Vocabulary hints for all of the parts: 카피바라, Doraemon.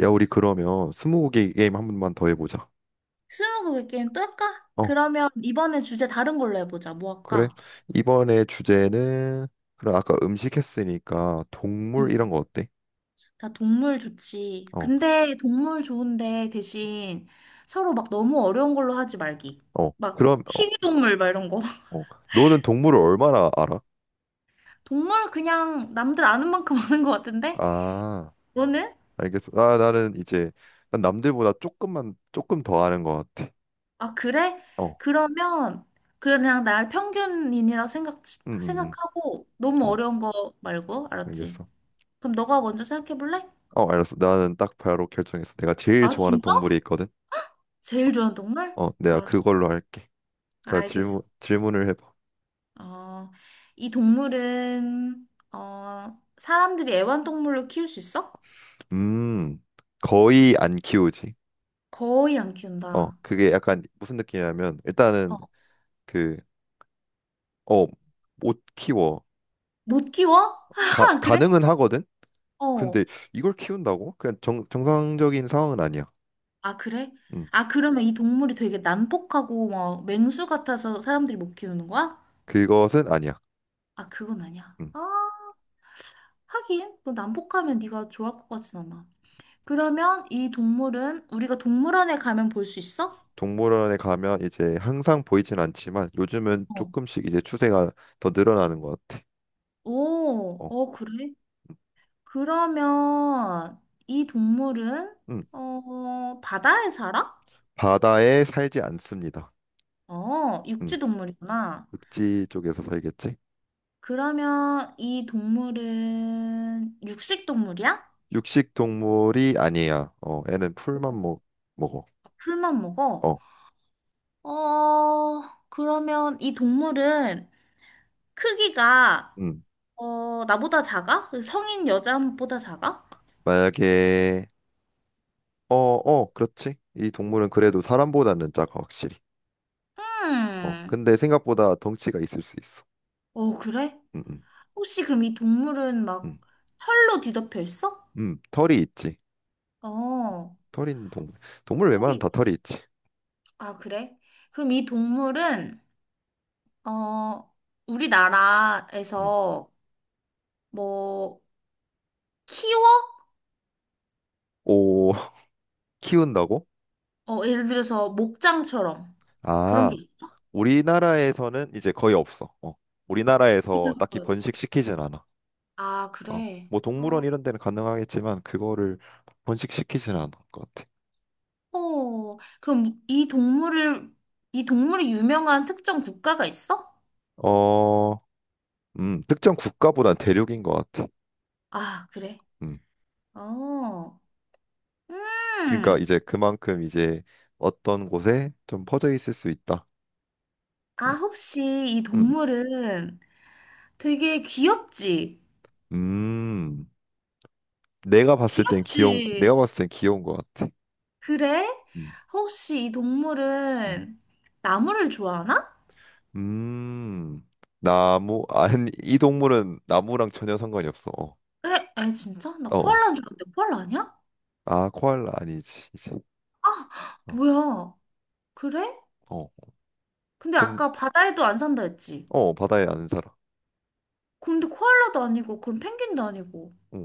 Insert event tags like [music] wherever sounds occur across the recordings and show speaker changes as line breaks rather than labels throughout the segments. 야, 우리 그러면 스무고개 게임 한 번만 더 해보자.
스무고개 게임 또 할까?
어,
그러면 이번에 주제 다른 걸로 해보자. 뭐
그래.
할까?
이번에 주제는 그럼 아까 음식 했으니까 동물
음.
이런 거 어때?
나 동물 좋지.
어,
근데 동물 좋은데 대신 서로 막 너무 어려운 걸로 하지 말기.
어.
막
그럼
희귀동물 막 이런 거. [laughs]
어. 너는 동물을 얼마나 알아?
동물 그냥 남들 아는 만큼 [laughs] 아는 것 같은데?
아,
너는?
알겠어. 아, 나는 이제 난 남들보다 조금 더 아는 것 같아.
아, 그래?
어,
그러면 그냥 날 평균인이라 생각,
음, 음, 음.
생각하고 너무
어,
어려운 거 말고, 알았지?
알겠어.
그럼 너가 먼저 생각해 볼래?
어, 알았어. 나는 딱 바로 결정했어. 내가 제일
아,
좋아하는
진짜?
동물이 있거든.
제일 좋아하는 동물?
어, 내가
알았어.
그걸로 할게. 자,
알겠어.
질문을 해봐.
어, 이 동물은, 사람들이 애완동물로 키울 수 있어?
음, 거의 안 키우지.
거의 안 키운다.
그게 약간 무슨 느낌이냐면, 일단은
어,
그, 어, 못 키워.
못 키워?
가,
[laughs] 그래?
가능은 하거든? 근데
어.
이걸 키운다고? 그냥 정상적인 상황은 아니야.
아, 그래?
음,
아, 그러면 이 동물이 되게 난폭하고 막 맹수 같아서 사람들이 못 키우는 거야?
그것은 아니야.
아, 그건 아니야.
음,
아, 하긴. 너 난폭하면 네가 좋아할 것 같진 않아. 그러면 이 동물은 우리가 동물원에 가면 볼 수 있어?
동물원에 가면 이제 항상 보이진 않지만, 요즘은
어.
조금씩 이제 추세가 더 늘어나는 것 같아.
오,
어,
그래? 그러면 이 동물은
음,
바다에 살아?
바다에 살지 않습니다. 음,
육지 동물이구나.
육지 쪽에서 살겠지?
그러면 이 동물은 육식 동물이야?
육식 동물이 아니야. 애는 풀만 먹어.
풀만 먹어?
어,
어, 그러면 이 동물은 크기가
음,
나보다 작아? 그 성인 여자보다 작아?
만약에, 그렇지. 이 동물은 그래도 사람보다는 작아, 확실히.
음.
근데 생각보다 덩치가 있을 수 있어.
어, 그래?
음, 음,
혹시 그럼 이 동물은
음,
막 털로 뒤덮여 있어?
털이 있지.
어.
털이 있는 동물. 동물 웬만하면
털이
다 털이 있지.
아, 그래? 그럼 이 동물은, 어,
음.
우리나라에서 뭐, 키워?
오, [laughs] 키운다고?
예를 들어서 목장처럼 그런 게
아,
있어?
우리나라에서는 이제 거의 없어. 우리나라에서 딱히
거의 없어.
번식시키진 않아.
아,
어,
그래.
뭐 동물원 이런 데는 가능하겠지만 그거를 번식시키진 않을 것 같아.
그럼 이 동물이 유명한 특정 국가가 있어?
어, 특정 국가보단 대륙인 것 같아.
아, 그래.
음.
어,
그러니까
음.
이제 그만큼 이제 어떤 곳에 좀 퍼져 있을 수 있다. 음,
아, 혹시 이
음,
동물은 되게 귀엽지?
음.
귀엽지?
내가 봤을 땐 귀여운 것 같아.
그래?
음,
혹시 이
음.
동물은 나무를 좋아하나?
음. 아니, 이 동물은 나무랑 전혀 상관이 없어. 어,
에, 에, 진짜? 나
어.
코알라인 줄 알았는데 코알라 아니야?
아, 코알라 아니지, 이제.
아,
어,
뭐야. 그래?
어.
근데
근,
아까 바다에도 안 산다 했지.
바다에 안 살아.
근데 코알라도 아니고, 그럼 펭귄도 아니고.
람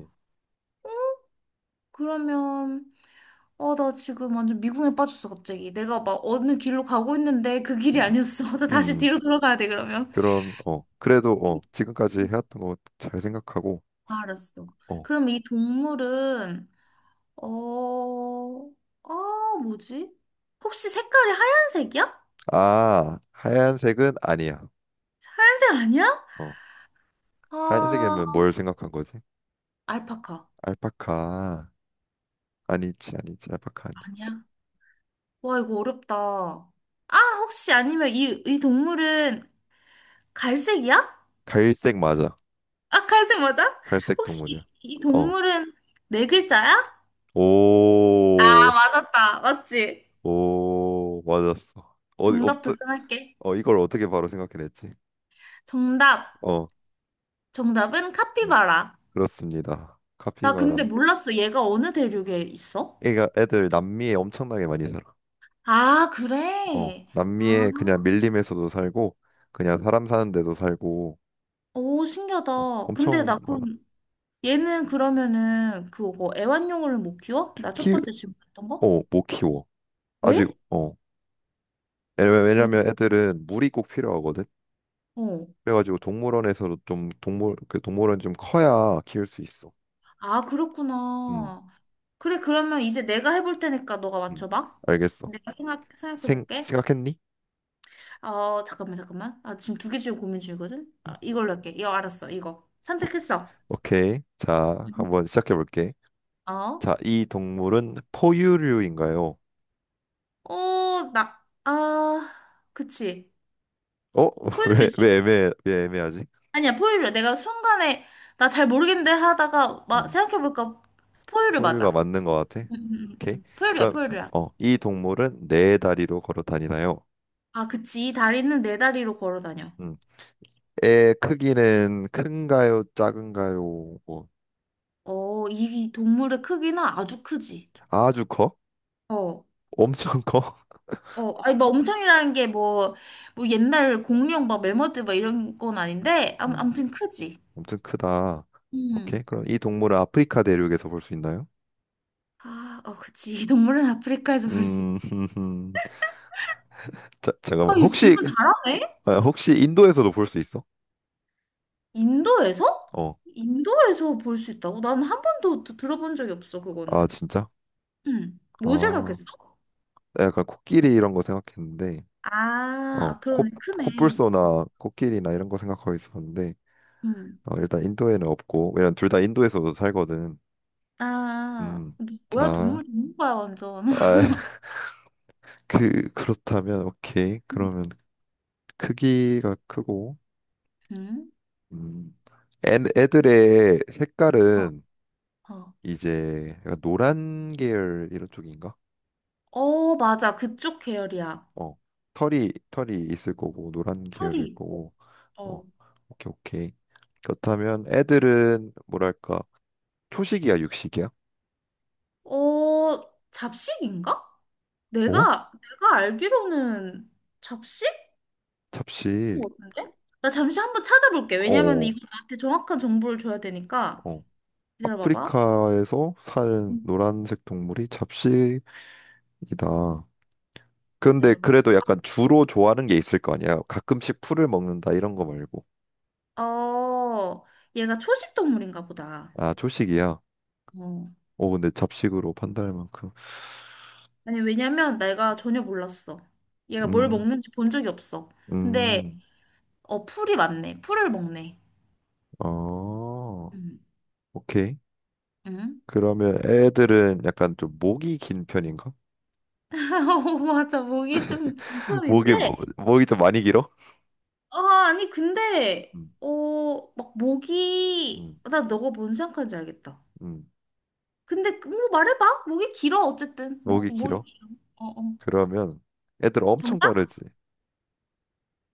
그러면, 아, 나 지금 완전 미궁에 빠졌어, 갑자기. 내가 막 어느 길로 가고 있는데 그 길이 아니었어. [laughs] 나 다시
음. 음.
뒤로 돌아가야 돼, 그러면.
그럼, 그래도, 지금까지 해왔던 거 잘 생각하고,
알았어.
어.
그럼 이 동물은 어, 아, 뭐지? 혹시 색깔이 하얀색이야?
아, 하얀색은 아니야.
하얀색 아니야?
어.
아,
하얀색이면 뭘 생각한 거지?
알파카.
알파카. 아니지, 아니지. 알파카 아니지.
아니야. 와, 이거 어렵다. 아, 혹시 아니면 이 동물은 갈색이야?
갈색 맞아.
아, 갈색 맞아?
갈색
혹시
동물이야.
이 동물은 네 글자야?
어오오.
아, 맞았다. 맞지?
맞았어. 어디
정답
없어.
도전할게.
어, 이걸 어떻게 바로 생각해냈지.
정답.
어.
정답은
음,
카피바라.
그렇습니다.
나 근데
카피바라.
몰랐어. 얘가 어느 대륙에 있어?
애가 애들 남미에 엄청나게 많이 살아.
아, 그래. 아.
남미에 그냥 밀림에서도 살고, 그냥 사람 사는 데도 살고,
오, 신기하다. 근데
엄청
나
많아.
그럼 얘는 그러면은 그거 애완용을 못 키워? 나 첫
키어
번째 질문했던 거?
못 키워. 아직.
왜?
어. 왜냐면
왜?
왜냐면 애들은 물이 꼭 필요하거든.
어.
그래가지고 동물원에서도 좀 동물원 좀 커야 키울 수 있어.
아,
음,
그렇구나. 그래, 그러면 이제 내가 해볼 테니까 너가
음,
맞춰봐.
알겠어.
내가 생각해
생
볼게.
생각했니?
어, 잠깐만, 잠깐만. 아, 지금 두 개 지금 고민 중이거든?
음,
아, 이걸로 할게. 이거 알았어, 이거.
오케이.
선택했어.
오케이. 자,
음.
한번 시작해 볼게.
어?
자, 이 동물은 포유류인가요?
어, 나, 아, 그치.
어? [laughs] 왜, 왜
포유류지.
애매 왜 애매하지?
아니야, 포유류. 내가 순간에, 나 잘 모르겠는데 하다가, 막,
음,
생각해보니까, 포유류
포유류가
맞아.
맞는 것 같아.
응, 응, 응.
오케이.
응. 포유류야,
그럼
포유류야.
이 동물은 네 다리로 걸어 다니나요?
아, 그치. 이 다리는 네 다리로 걸어 다녀.
음, 애 크기는 큰가요? 작은가요? 뭐
이 동물의 크기는 아주 크지.
아주 커?
어,
엄청 커?
아니, 막 엄청이라는 게 뭐 옛날 공룡, 막 매머드, 막 이런 건 아닌데, 암,
음,
아무튼 크지.
엄청 크다.
음.
오케이. 그럼 이 동물은 아프리카 대륙에서 볼 수 있나요?
아, 그치. 이 동물은 아프리카에서 볼 수
음,
있지.
[laughs] 자,
아,
잠깐만.
얘
혹시,
질문 잘하네.
아, 혹시 인도에서도 볼 수 있어?
인도에서?
어.
인도에서 볼 수 있다고? 난 한 번도 들어본 적이 없어,
아,
그거는.
진짜?
응. 뭐
아,
생각했어?
나 약간 코끼리 이런 거 생각했는데,
아,
어,
아,
코,
그러네. 크네.
코뿔소나 코끼리나 이런 거 생각하고 있었는데,
응.
일단 인도에는 없고, 왜냐면 둘 다 인도에서도 살거든.
아,
음,
너 뭐야,
자,
동물 전문가야, 완전.
아,
[laughs]
[laughs] 그렇다면, 오케이.
응.
그러면 크기가 크고,
응?
음, 애들의
어,
색깔은
어.
이제 약간 노란 계열 이런 쪽인가?
어, 맞아. 그쪽 계열이야.
어, 털이 있을 거고 노란
털이
계열일
있고.
거고.
어.
어, 오케이, 오케이. 그렇다면 애들은 뭐랄까 초식이야 육식이야?
잡식인가?
어?
내가 알기로는 잡식?
잡식.
같은데? 나 잠시 한 번 찾아볼게.
어,
왜냐면
어.
이거 나한테 정확한 정보를 줘야 되니까.
어.
기다려봐봐.
아프리카에서 사는
응.
노란색 동물이 잡식이다. 근데
기다려봐.
그래도 약간 주로 좋아하는 게 있을 거 아니야? 가끔씩 풀을 먹는다 이런 거 말고.
어, 얘가 초식 동물인가 보다.
아, 초식이야.
어.
오, 근데 잡식으로 판단할 만큼.
아니, 왜냐면 내가 전혀 몰랐어. 얘가 뭘
음,
먹는지 본 적이 없어. 근데,
음,
풀이 많네. 풀을 먹네.
어,
응.
오케이.
응?
그러면 애들은 약간 좀 목이 긴 편인가?
[laughs] 어, 맞아. 목이 좀 긴
[laughs]
편인데,
목이 좀 많이 길어?
아, 아니, 근데,
음, 음,
나 너가 뭔 생각하는지 알겠다.
음.
근데, 뭐 말해봐. 목이 길어, 어쨌든.
목이
목이
길어?
길어. 어, 어.
그러면 애들 엄청
정답?
빠르지?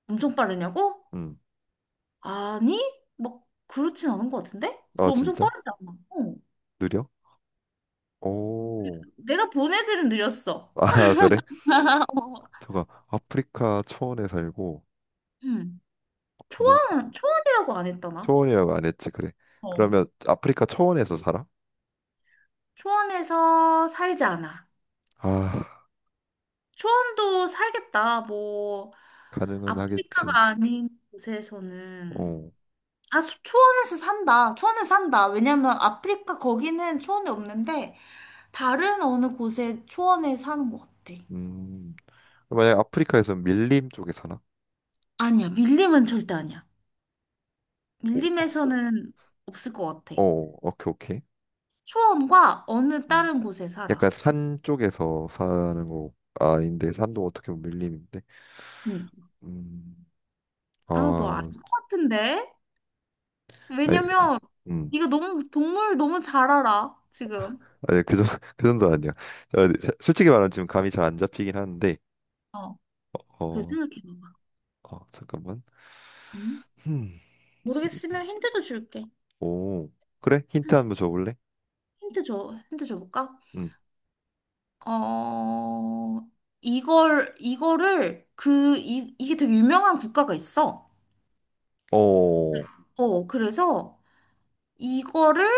엄청 빠르냐고?
음,
아니? 막 그렇진 않은 것 같은데?
아,
그럼 엄청
진짜?
빠르지 않나? 어.
느려? 오,
내가 본 애들은 느렸어.
아, [laughs] 그래? 저가 아프리카 초원에 살고,
응. 초
목,
초원이라고 안 했다나?
초원이라고 안 했지, 그래.
어.
그러면 아프리카 초원에서 살아?
초원에서 살지 않아.
아,
초원도 살겠다. 뭐,
가능은 하겠지.
아프리카가 아닌 곳에서는.
어,
아, 초원에서 산다. 초원에 산다. 왜냐면 아프리카 거기는 초원이 없는데, 다른 어느 곳에 초원에 사는 것 같아.
음. 만약 아프리카에서 밀림 쪽에 사나?
아니야, 밀림은 절대 아니야.
오,
밀림에서는 없을 것 같아.
어, 오케이, 오케이.
초원과 어느
음.
다른 곳에 살아.
약간 산 쪽에서 사는 거 아, 아닌데 산도 어떻게 보면 밀림인데.
그니-
음,
아, 너 알
아,
것 같은데?
아니,
왜냐면
음,
네가 너무 동물 너무 잘 알아, 지금.
아니 그정 [laughs] 그 정도 아니야. 아, 네, 자, 솔직히 말하면 지금 감이 잘 안 잡히긴 하는데.
어, 그래
어,
생각해봐봐.
어, 잠깐만.
응?
음, 이-
모르겠으면 힌트도 줄게.
오, 그래? 힌트
응,
한 번 줘볼래?
힌트 줘볼까?
음,
어, 이걸, 이거를, 그, 이, 이게 되게 유명한 국가가 있어.
어,
그래서 이거를,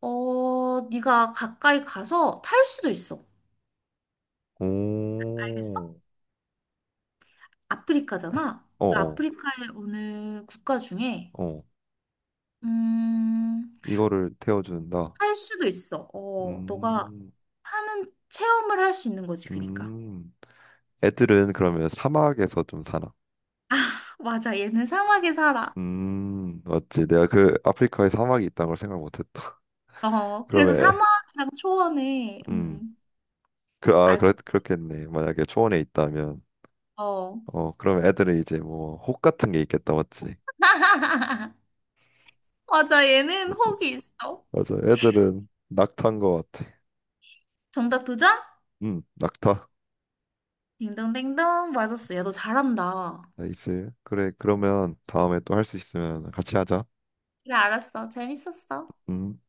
네가 가까이 가서 탈 수도 있어. 알겠어?
오,
아프리카잖아.
어,
그
어,
아프리카의 어느 국가 중에
어,
음,
이거를 태워준다.
할 수도 있어. 너가
음.
사는 체험을 할 수 있는 거지, 그러니까.
음, 애들은 그러면 사막에서 좀 사나?
[laughs] 맞아, 얘는 사막에 살아.
맞지. 내가 그 아프리카에 사막이 있다는 걸 생각 못했다. [laughs]
그래서
그러면,
사막이랑 초원에
음, 그, 아, 그렇,
알것
그렇겠네. 만약에 초원에 있다면,
같아. 어.
그럼 애들은 이제 뭐, 혹 같은 게 있겠다, 맞지?
[laughs] 맞아, 얘는
맞아.
혹이 있어.
맞아. 애들은 낙타인 것 같아.
정답 도전?
낙타.
딩동댕동 맞았어. 야, 너 잘한다.
나이스. 그래, 그러면 다음에 또 할 수 있으면 같이 하자.
그래, 알았어. 재밌었어.
음.